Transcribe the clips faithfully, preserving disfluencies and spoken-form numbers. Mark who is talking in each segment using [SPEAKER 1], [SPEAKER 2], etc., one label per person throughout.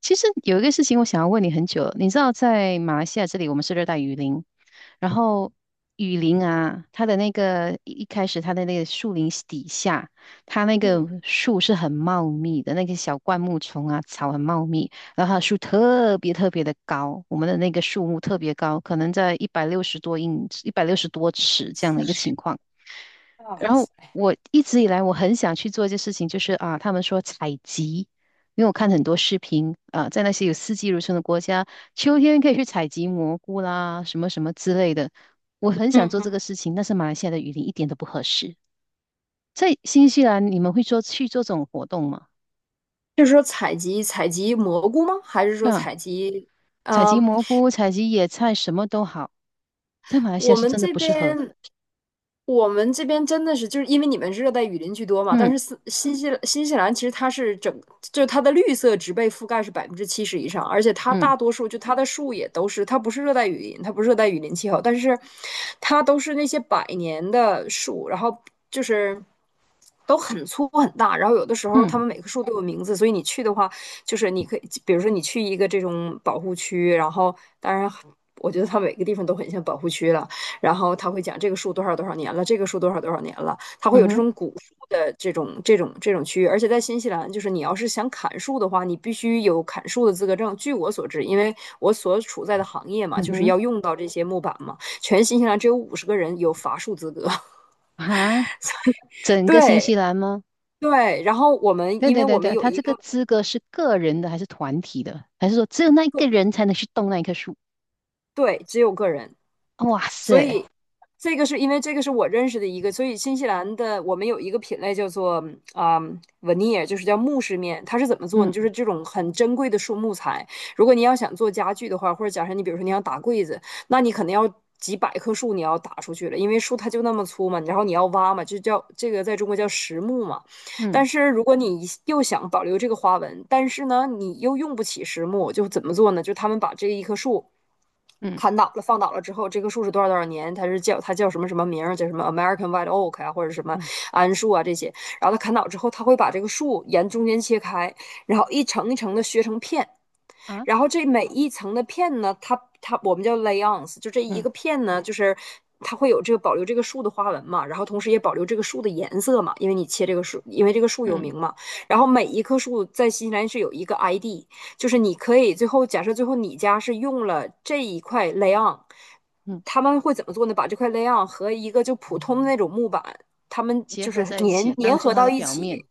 [SPEAKER 1] 其实有一个事情我想要问你很久了。你知道在马来西亚这里我们是热带雨林，然后雨林啊，它的那个一一开始它的那个树林底下，它那个
[SPEAKER 2] 嗯，
[SPEAKER 1] 树是很茂密的，那个小灌木丛啊，草很茂密，然后它的树特别特别的高，我们的那个树木特别高，可能在一百六十多英，一百六十多尺这样的一个情 况。
[SPEAKER 2] 啊，
[SPEAKER 1] 然后我一直以来我很想去做一件事情，就是啊，他们说采集，因为我看很多视频啊，在那些有四季如春的国家，秋天可以去采集蘑菇啦，什么什么之类的。我很想
[SPEAKER 2] 嗯
[SPEAKER 1] 做这
[SPEAKER 2] 哼，
[SPEAKER 1] 个事情，但是马来西亚的雨林一点都不合适。在新西兰，你们会做去做这种活动吗？
[SPEAKER 2] 就是说采集采集蘑菇吗？还是说
[SPEAKER 1] 那、
[SPEAKER 2] 采集？
[SPEAKER 1] 采集
[SPEAKER 2] 嗯？
[SPEAKER 1] 蘑菇、采集野菜，什么都好，在马来西亚
[SPEAKER 2] 我
[SPEAKER 1] 是
[SPEAKER 2] 们
[SPEAKER 1] 真的
[SPEAKER 2] 这
[SPEAKER 1] 不适合。
[SPEAKER 2] 边，我们这边真的是就是因为你们是热带雨林居多嘛，但
[SPEAKER 1] 嗯，
[SPEAKER 2] 是斯新西新西兰其实它是整，就是它的绿色植被覆盖是百分之七十以上，而且它
[SPEAKER 1] 嗯，
[SPEAKER 2] 大多数就它的树也都是，它不是热带雨林，它不是热带雨林气候，但是它都是那些百年的树，然后就是都很粗很大，然后有的时候它
[SPEAKER 1] 嗯，
[SPEAKER 2] 们每棵树都有名字，所以你去的话，就是你可以，比如说你去一个这种保护区，然后当然我觉得它每个地方都很像保护区了。然后他会讲这个树多少多少年了，这个树多少多少年了，他会
[SPEAKER 1] 嗯
[SPEAKER 2] 有这
[SPEAKER 1] 哼，
[SPEAKER 2] 种古树的这种这种这种区域。而且在新西兰，就是你要是想砍树的话，你必须有砍树的资格证。据我所知，因为我所处在的行业嘛，
[SPEAKER 1] 嗯
[SPEAKER 2] 就是
[SPEAKER 1] 哼，
[SPEAKER 2] 要用到这些木板嘛，全新西兰只有五十个人有伐树资格。
[SPEAKER 1] 啊，整个新
[SPEAKER 2] 对
[SPEAKER 1] 西兰吗？
[SPEAKER 2] 对，然后我们
[SPEAKER 1] 对
[SPEAKER 2] 因
[SPEAKER 1] 对
[SPEAKER 2] 为
[SPEAKER 1] 对
[SPEAKER 2] 我们
[SPEAKER 1] 对，
[SPEAKER 2] 有
[SPEAKER 1] 他
[SPEAKER 2] 一
[SPEAKER 1] 这个
[SPEAKER 2] 个
[SPEAKER 1] 资格是个人的还是团体的？还是说只有那一个人才能去动那一棵树？
[SPEAKER 2] 对，只有个人。
[SPEAKER 1] 哇
[SPEAKER 2] 所
[SPEAKER 1] 塞，
[SPEAKER 2] 以这个是因为这个是我认识的一个，所以新西兰的我们有一个品类叫做啊、嗯 veneer,就是叫木饰面，它是怎么做呢？就是
[SPEAKER 1] 嗯，
[SPEAKER 2] 这种很珍贵的树木材，如果你要想做家具的话，或者假设你比如说你想打柜子，那你可能要。几百棵树你要打出去了，因为树它就那么粗嘛，然后你要挖嘛，就叫这个在中国叫实木嘛。但
[SPEAKER 1] 嗯，
[SPEAKER 2] 是如果你又想保留这个花纹，但是呢，你又用不起实木，就怎么做呢？就他们把这一棵树
[SPEAKER 1] 嗯，
[SPEAKER 2] 砍倒了，放倒了之后，这棵树是多少多少年，它是叫它叫什么什么名儿，叫什么 American White Oak 啊，或者什么
[SPEAKER 1] 嗯，
[SPEAKER 2] 桉树啊这些。然后它砍倒之后，它会把这个树沿中间切开，然后一层一层的削成片。
[SPEAKER 1] 啊，
[SPEAKER 2] 然后这每一层的片呢，它它我们叫 layons,就这一个
[SPEAKER 1] 嗯，
[SPEAKER 2] 片呢，就是它会有这个保留这个树的花纹嘛，然后同时也保留这个树的颜色嘛，因为你切这个树，因为这个树有
[SPEAKER 1] 嗯，
[SPEAKER 2] 名嘛。然后每一棵树在新西兰是有一个 I D,就是你可以最后假设最后你家是用了这一块 layon,
[SPEAKER 1] 嗯，
[SPEAKER 2] 他们会怎么做呢？把这块 layon 和一个就普通的那种木板，他们
[SPEAKER 1] 结
[SPEAKER 2] 就
[SPEAKER 1] 合
[SPEAKER 2] 是
[SPEAKER 1] 在一
[SPEAKER 2] 粘
[SPEAKER 1] 起，当
[SPEAKER 2] 粘
[SPEAKER 1] 做
[SPEAKER 2] 合
[SPEAKER 1] 它
[SPEAKER 2] 到
[SPEAKER 1] 的
[SPEAKER 2] 一
[SPEAKER 1] 表面。
[SPEAKER 2] 起。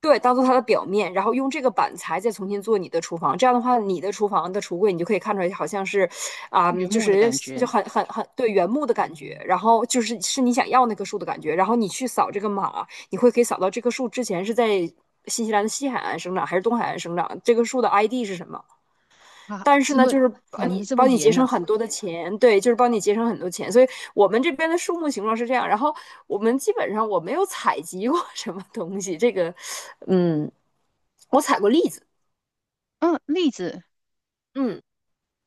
[SPEAKER 2] 对，当做它的表面，然后用这个板材再重新做你的厨房。这样的话，你的厨房的橱柜你就可以看出来，好像是，啊、
[SPEAKER 1] 原
[SPEAKER 2] 就
[SPEAKER 1] 木的
[SPEAKER 2] 是
[SPEAKER 1] 感
[SPEAKER 2] 就
[SPEAKER 1] 觉。
[SPEAKER 2] 很很很对原木的感觉，然后就是是你想要那棵树的感觉。然后你去扫这个码，你会可以扫到这棵树之前是在新西兰的西海岸生长还是东海岸生长，这棵树的 I D 是什么。
[SPEAKER 1] 啊，
[SPEAKER 2] 但是
[SPEAKER 1] 这
[SPEAKER 2] 呢，
[SPEAKER 1] 么
[SPEAKER 2] 就是帮
[SPEAKER 1] 管得
[SPEAKER 2] 你
[SPEAKER 1] 这么
[SPEAKER 2] 帮你节
[SPEAKER 1] 严
[SPEAKER 2] 省
[SPEAKER 1] 呢？
[SPEAKER 2] 很多的钱，对，就是帮你节省很多钱。所以我们这边的树木形状是这样，然后我们基本上我没有采集过什么东西，这个，嗯，我采过栗子，
[SPEAKER 1] 嗯，栗子，
[SPEAKER 2] 嗯。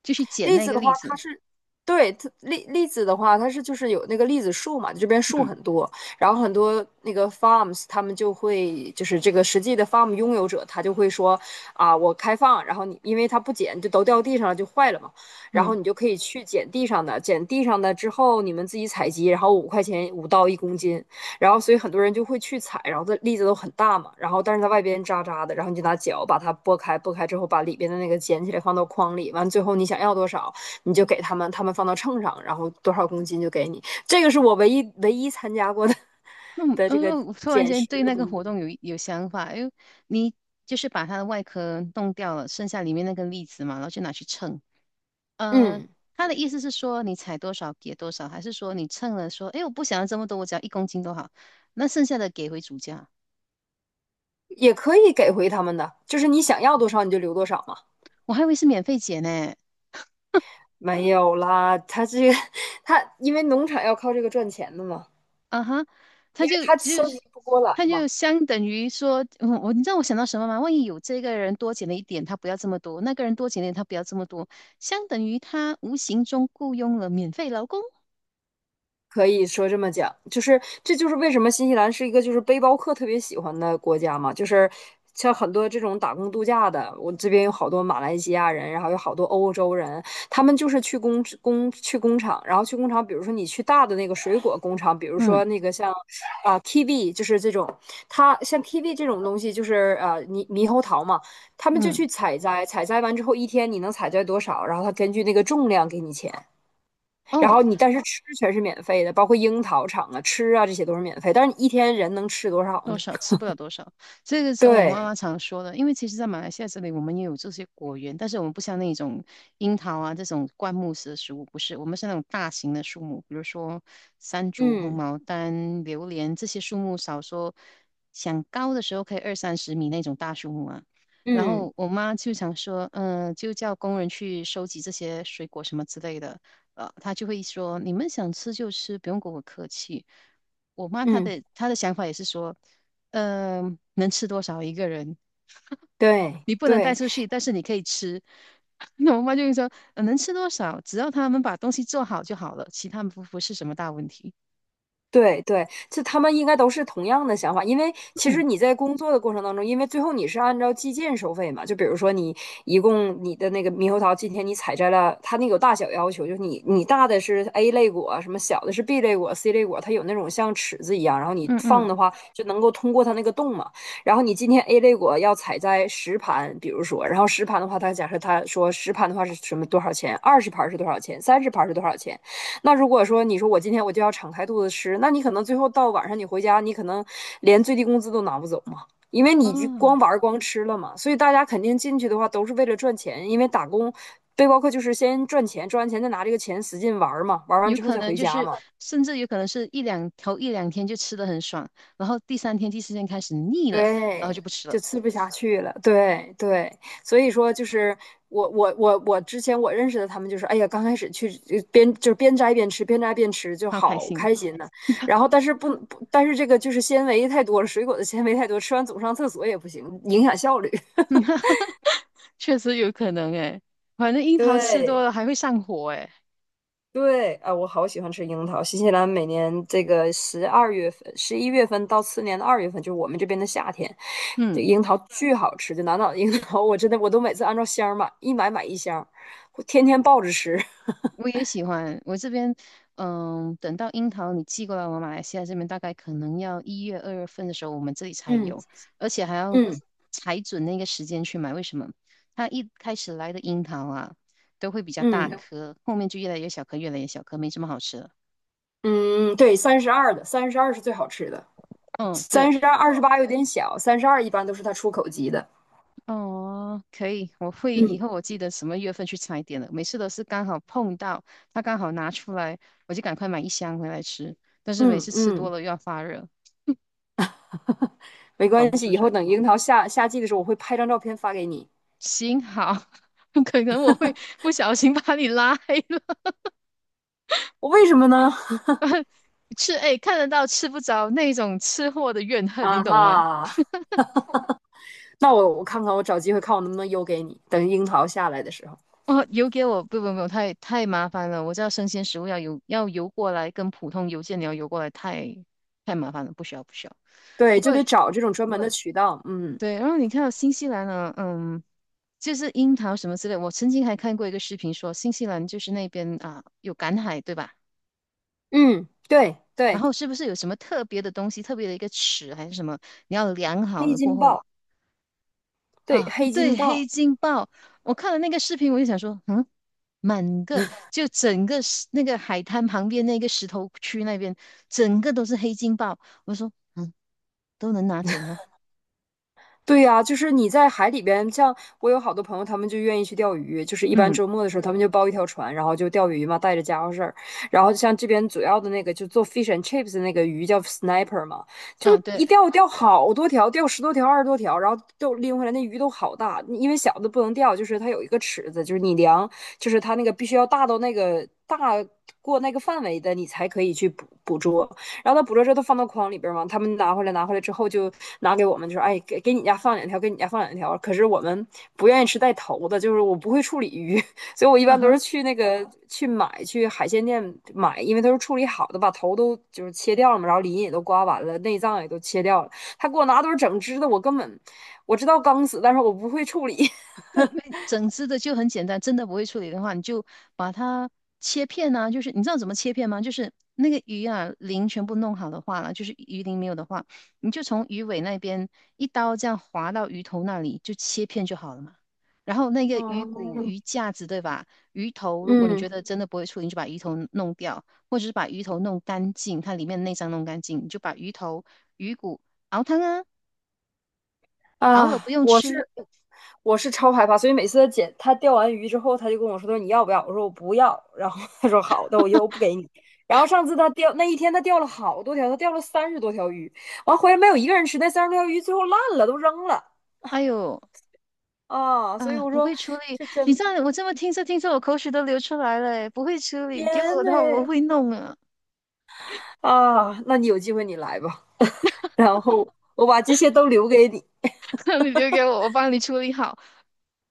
[SPEAKER 1] 就去捡
[SPEAKER 2] 栗
[SPEAKER 1] 那
[SPEAKER 2] 子
[SPEAKER 1] 个
[SPEAKER 2] 的话，
[SPEAKER 1] 栗
[SPEAKER 2] 它
[SPEAKER 1] 子。
[SPEAKER 2] 是对它栗栗子的话，它是就是有那个栗子树嘛，这边树
[SPEAKER 1] 嗯，
[SPEAKER 2] 很多，然后很多那个 farms 他们就会就是这个实际的 farm 拥有者，他就会说啊，我开放，然后你因为它不捡就都掉地上了就坏了嘛，然后
[SPEAKER 1] 嗯，
[SPEAKER 2] 你就可以去捡地上的，捡地上的之后你们自己采集，然后五块钱五到一公斤，然后所以很多人就会去采，然后它栗子都很大嘛，然后但是它外边渣渣的，然后你就拿脚把它剥开，剥开之后把里边的那个捡起来放到筐里，完最后你想要多少你就给他们，他们放到秤上，然后多少公斤就给你。这个是我唯一唯一参加过的
[SPEAKER 1] 嗯，
[SPEAKER 2] 的这个
[SPEAKER 1] 嗯，我突然
[SPEAKER 2] 捡
[SPEAKER 1] 间
[SPEAKER 2] 食，
[SPEAKER 1] 对那个活动有有想法，因为你就是把它的外壳弄掉了，剩下里面那个栗子嘛，然后就拿去称。呃，
[SPEAKER 2] 嗯，
[SPEAKER 1] 他的意思是说你采多少给多少，还是说你称了说，哎，我不想要这么多，我只要一公斤都好，那剩下的给回主家。
[SPEAKER 2] 也可以给回他们的，就是你想要多少你就留多少嘛。
[SPEAKER 1] 我还以为是免费减呢。
[SPEAKER 2] 没有啦，他这个 他因为农场要靠这个赚钱的嘛，
[SPEAKER 1] 啊哈，他
[SPEAKER 2] 因为
[SPEAKER 1] 就
[SPEAKER 2] 他
[SPEAKER 1] 就
[SPEAKER 2] 收集
[SPEAKER 1] 是
[SPEAKER 2] 不过来
[SPEAKER 1] 他就
[SPEAKER 2] 嘛。
[SPEAKER 1] 相等于说，嗯，我你知道我想到什么吗？万一有这个人多减了一点，他不要这么多；那个人多减了一点，他不要这么多，相等于他无形中雇佣了免费劳工。
[SPEAKER 2] 可以说这么讲，就是这就是为什么新西兰是一个就是背包客特别喜欢的国家嘛，就是像很多这种打工度假的，我这边有好多马来西亚人，然后有好多欧洲人，他们就是去工工去工厂，然后去工厂，比如说你去大的那个水果工厂，比如
[SPEAKER 1] 嗯，
[SPEAKER 2] 说那个像啊、kiwi,就是这种，它像 kiwi 这种东西就是呃猕猕猴桃嘛，他们就
[SPEAKER 1] 嗯，
[SPEAKER 2] 去采摘，采摘完之后一天你能采摘多少，然后他根据那个重量给你钱。然
[SPEAKER 1] 哦，
[SPEAKER 2] 后你但是吃全是免费的，包括樱桃厂啊、吃啊这些都是免费。但是你一天人能吃多少
[SPEAKER 1] 多
[SPEAKER 2] 呢？
[SPEAKER 1] 少吃不了多少，这个是我妈
[SPEAKER 2] 对，
[SPEAKER 1] 妈常说的。因为其实，在马来西亚这里，我们也有这些果园，但是我们不像那种樱桃啊这种灌木式的食物，不是，我们是那种大型的树木，比如说山竹、红
[SPEAKER 2] 嗯
[SPEAKER 1] 毛丹、榴莲这些树木，少说想高的时候可以二三十米那种大树木啊。然
[SPEAKER 2] 嗯
[SPEAKER 1] 后我妈就想说，嗯、就叫工人去收集这些水果什么之类的，呃，她就会说，你们想吃就吃，不用跟我客气。我妈她
[SPEAKER 2] 嗯，
[SPEAKER 1] 的她的想法也是说，嗯、能吃多少一个人，
[SPEAKER 2] 对
[SPEAKER 1] 你不能带
[SPEAKER 2] 对。
[SPEAKER 1] 出去，但是你可以吃。那我妈就会说，呃能吃多少，只要他们把东西做好就好了，其他不不是什么大问题。
[SPEAKER 2] 对对，这他们应该都是同样的想法，因为其实
[SPEAKER 1] 嗯，
[SPEAKER 2] 你在工作的过程当中，因为最后你是按照计件收费嘛，就比如说你一共你的那个猕猴桃，今天你采摘了，它那个有大小要求，就是你你大的是 A 类果，什么小的是 B 类果、C 类果，它有那种像尺子一样，然后你
[SPEAKER 1] 嗯，
[SPEAKER 2] 放
[SPEAKER 1] 嗯，
[SPEAKER 2] 的话就能够通过它那个洞嘛。然后你今天 A 类果要采摘十盘，比如说，然后十盘的话，它假设它说十盘的话是什么多少钱，二十盘是多少钱，三十盘是多少钱。那如果说你说我今天我就要敞开肚子吃，那你可能最后到晚上你回家，你可能连最低工资都拿不走嘛，因为你就光
[SPEAKER 1] 哦，
[SPEAKER 2] 玩光吃了嘛。所以大家肯定进去的话都是为了赚钱，因为打工背包客就是先赚钱，赚完钱再拿这个钱使劲玩嘛，玩完
[SPEAKER 1] 有
[SPEAKER 2] 之后
[SPEAKER 1] 可
[SPEAKER 2] 再
[SPEAKER 1] 能
[SPEAKER 2] 回
[SPEAKER 1] 就
[SPEAKER 2] 家
[SPEAKER 1] 是，
[SPEAKER 2] 嘛。
[SPEAKER 1] 甚至有可能是一两头一两天就吃的很爽，然后第三天、第四天开始腻了，然后
[SPEAKER 2] 对，
[SPEAKER 1] 就不吃
[SPEAKER 2] 就
[SPEAKER 1] 了。
[SPEAKER 2] 吃不下去了。对对，所以说就是我我我我之前我认识的他们就是，哎呀，刚开始去呃边就是边摘边吃，边摘边吃就
[SPEAKER 1] 好开
[SPEAKER 2] 好
[SPEAKER 1] 心。
[SPEAKER 2] 开心呢、然后但是不不，但是这个就是纤维太多了，水果的纤维太多，吃完总上厕所也不行，影响效率。
[SPEAKER 1] 确实有可能诶，反正樱桃吃多
[SPEAKER 2] 对，
[SPEAKER 1] 了还会上火诶。
[SPEAKER 2] 对，啊，我好喜欢吃樱桃。新西兰每年这个十二月份、十一月份到次年的二月份，就是我们这边的夏天，这
[SPEAKER 1] 嗯。
[SPEAKER 2] 樱桃巨好吃。就南岛的樱桃，我真的我都每次按照箱儿买，一买买一箱儿我天天抱着吃。
[SPEAKER 1] 我也喜欢。我这边，嗯，等到樱桃你寄过来，我马来西亚这边大概可能要一月、二月份的时候，我们这里才
[SPEAKER 2] 嗯
[SPEAKER 1] 有，而且还要
[SPEAKER 2] 嗯
[SPEAKER 1] 踩准那个时间去买。为什么？它一开始来的樱桃啊，都会比较大
[SPEAKER 2] 嗯
[SPEAKER 1] 颗，后面就越来越小颗，越来越小颗，没什么好吃了。
[SPEAKER 2] 嗯，对，三十二的，三十二是最好吃的。
[SPEAKER 1] 嗯，对，
[SPEAKER 2] 三十二、二十八有点小，三十二一般都是它出口级的。
[SPEAKER 1] 哦，可以，我会以
[SPEAKER 2] 嗯，
[SPEAKER 1] 后我记得什么月份去踩点了。每次都是刚好碰到，它刚好拿出来，我就赶快买一箱回来吃。但是每
[SPEAKER 2] 嗯
[SPEAKER 1] 次吃多
[SPEAKER 2] 嗯，
[SPEAKER 1] 了又要发热，
[SPEAKER 2] 没
[SPEAKER 1] 管
[SPEAKER 2] 关
[SPEAKER 1] 不
[SPEAKER 2] 系，
[SPEAKER 1] 住
[SPEAKER 2] 以后
[SPEAKER 1] 嘴。
[SPEAKER 2] 等樱桃下夏季的时候，我会拍张照片发给你。
[SPEAKER 1] 行，好，可能我会不小心把你拉黑了。
[SPEAKER 2] 我为什么呢？
[SPEAKER 1] 吃，哎，看得到吃不着那种吃货的怨 恨，你
[SPEAKER 2] 啊
[SPEAKER 1] 懂吗？
[SPEAKER 2] 哈。那我我看看，我找机会看我能不能邮给你。等樱桃下来的时候，
[SPEAKER 1] 哦，邮给我，不不不，太太麻烦了。我知道生鲜食物要邮要邮过来，跟普通邮件你要邮过来，太太麻烦了，不需要不需要。
[SPEAKER 2] 对，
[SPEAKER 1] 不
[SPEAKER 2] 就
[SPEAKER 1] 过
[SPEAKER 2] 得找这种专门的渠道。嗯
[SPEAKER 1] 对，然后你看到新西兰呢，嗯，就是樱桃什么之类，我曾经还看过一个视频说，新西兰就是那边啊有赶海，对吧？
[SPEAKER 2] 嗯，对
[SPEAKER 1] 然
[SPEAKER 2] 对，
[SPEAKER 1] 后是不是有什么特别的东西，特别的一个尺还是什么，你要量好
[SPEAKER 2] 黑
[SPEAKER 1] 了过
[SPEAKER 2] 金
[SPEAKER 1] 后。
[SPEAKER 2] 豹，对
[SPEAKER 1] 啊，
[SPEAKER 2] 黑金
[SPEAKER 1] 对，黑
[SPEAKER 2] 豹。
[SPEAKER 1] 金鲍，我看了那个视频，我就想说，嗯，满个就整个石那个海滩旁边那个石头区那边，整个都是黑金鲍，我说，嗯，都能拿走吗？
[SPEAKER 2] 对呀，就是你在海里边，像我有好多朋友，他们就愿意去钓鱼，就是一般
[SPEAKER 1] 嗯，
[SPEAKER 2] 周末的时候，他们就包一条船，然后就钓鱼嘛，带着家伙事儿。然后像这边主要的那个，就做 fish and chips 的那个鱼叫 sniper 嘛，就
[SPEAKER 1] 啊，对，
[SPEAKER 2] 一钓钓好多条，钓十多条、二十多条，然后都拎回来，那鱼都好大。因为小的不能钓，就是它有一个尺子，就是你量，就是它那个必须要大到那个大过那个范围的，你才可以去捕捕捉。然后他捕捉之后都放到筐里边嘛，他们拿回来拿回来之后就拿给我们，就说哎给给你家放两条，给你家放两条。可是我们不愿意吃带头的，就是我不会处理鱼，所以我一
[SPEAKER 1] 嗯
[SPEAKER 2] 般都是
[SPEAKER 1] 哼。
[SPEAKER 2] 去那个去买去海鲜店买，因为都是处理好的，把头都就是切掉了嘛，然后鳞也都刮完了，内脏也都切掉了。他给我拿都是整只的，我根本我知道刚死，但是我不会处理。
[SPEAKER 1] 那那整只的就很简单，真的不会处理的话，你就把它切片啊。就是你知道怎么切片吗？就是那个鱼啊，鳞全部弄好的话了，就是鱼鳞没有的话，你就从鱼尾那边一刀这样划到鱼头那里，就切片就好了嘛。然后那个鱼骨、
[SPEAKER 2] 哦，
[SPEAKER 1] 鱼架子，对吧？鱼头，如果你
[SPEAKER 2] 嗯。
[SPEAKER 1] 觉得真的不会处理，你就把鱼头弄掉，或者是把鱼头弄干净，它里面内脏弄干净，你就把鱼头、鱼骨熬汤啊，熬了不
[SPEAKER 2] 啊，
[SPEAKER 1] 用
[SPEAKER 2] 我
[SPEAKER 1] 吃。
[SPEAKER 2] 是我是超害怕，所以每次他捡他钓完鱼之后，他就跟我说："他说你要不要？"我说："我不要。"然后他说："好的，我又不给你。"然后上次他钓那一天，他钓了好多条，他钓了三十多条鱼，完回来没有一个人吃，那三十多条鱼最后烂了，都扔了
[SPEAKER 1] 哎呦，
[SPEAKER 2] 啊！所以
[SPEAKER 1] 啊，
[SPEAKER 2] 我
[SPEAKER 1] 不
[SPEAKER 2] 说
[SPEAKER 1] 会处理，
[SPEAKER 2] 这
[SPEAKER 1] 你
[SPEAKER 2] 真
[SPEAKER 1] 这样我这么听着听着，我口水都流出来了诶。不会处
[SPEAKER 2] 天
[SPEAKER 1] 理，给我
[SPEAKER 2] 呐
[SPEAKER 1] 的话我会弄啊。
[SPEAKER 2] 啊！那你有机会你来吧，然后我把这些都留给你。
[SPEAKER 1] 你留给我，我帮你处理好，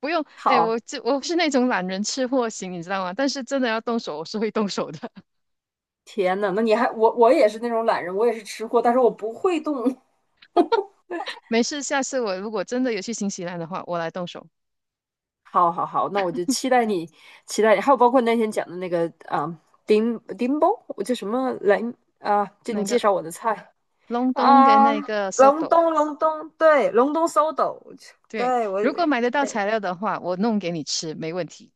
[SPEAKER 1] 不用。哎，
[SPEAKER 2] 好，
[SPEAKER 1] 我这我是那种懒人吃货型，你知道吗？但是真的要动手，我是会动手的。
[SPEAKER 2] 天呐，那你还我我也是那种懒人，我也是吃货，但是我不会动，
[SPEAKER 1] 没事，下次我如果真的有去新西兰的话，我来动手。
[SPEAKER 2] 好好好，那我就期待你，期待你，还有包括那天讲的那个啊，丁丁包，我叫什么来啊？就你
[SPEAKER 1] 那
[SPEAKER 2] 介
[SPEAKER 1] 个
[SPEAKER 2] 绍我的菜
[SPEAKER 1] 隆冬跟
[SPEAKER 2] 啊，
[SPEAKER 1] 那个
[SPEAKER 2] 隆
[SPEAKER 1] soto，
[SPEAKER 2] 冬，隆冬，对，隆冬搜斗，我去
[SPEAKER 1] 对，
[SPEAKER 2] 对我，
[SPEAKER 1] 如果买得到
[SPEAKER 2] 对，
[SPEAKER 1] 材料的话，我弄给你吃，没问题。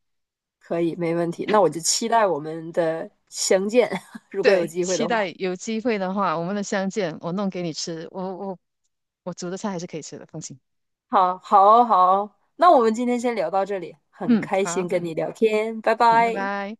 [SPEAKER 2] 可以，没问题。那我就期待我们的相见，如果有
[SPEAKER 1] 对，
[SPEAKER 2] 机会
[SPEAKER 1] 期
[SPEAKER 2] 的话。
[SPEAKER 1] 待有机会的话，我们的相见，我弄给你吃。我我我煮的菜还是可以吃的，放心。
[SPEAKER 2] 好，好，好，那我们今天先聊到这里，很
[SPEAKER 1] 嗯，
[SPEAKER 2] 开心
[SPEAKER 1] 好，
[SPEAKER 2] 跟你聊天，拜
[SPEAKER 1] 嗯，拜
[SPEAKER 2] 拜。
[SPEAKER 1] 拜。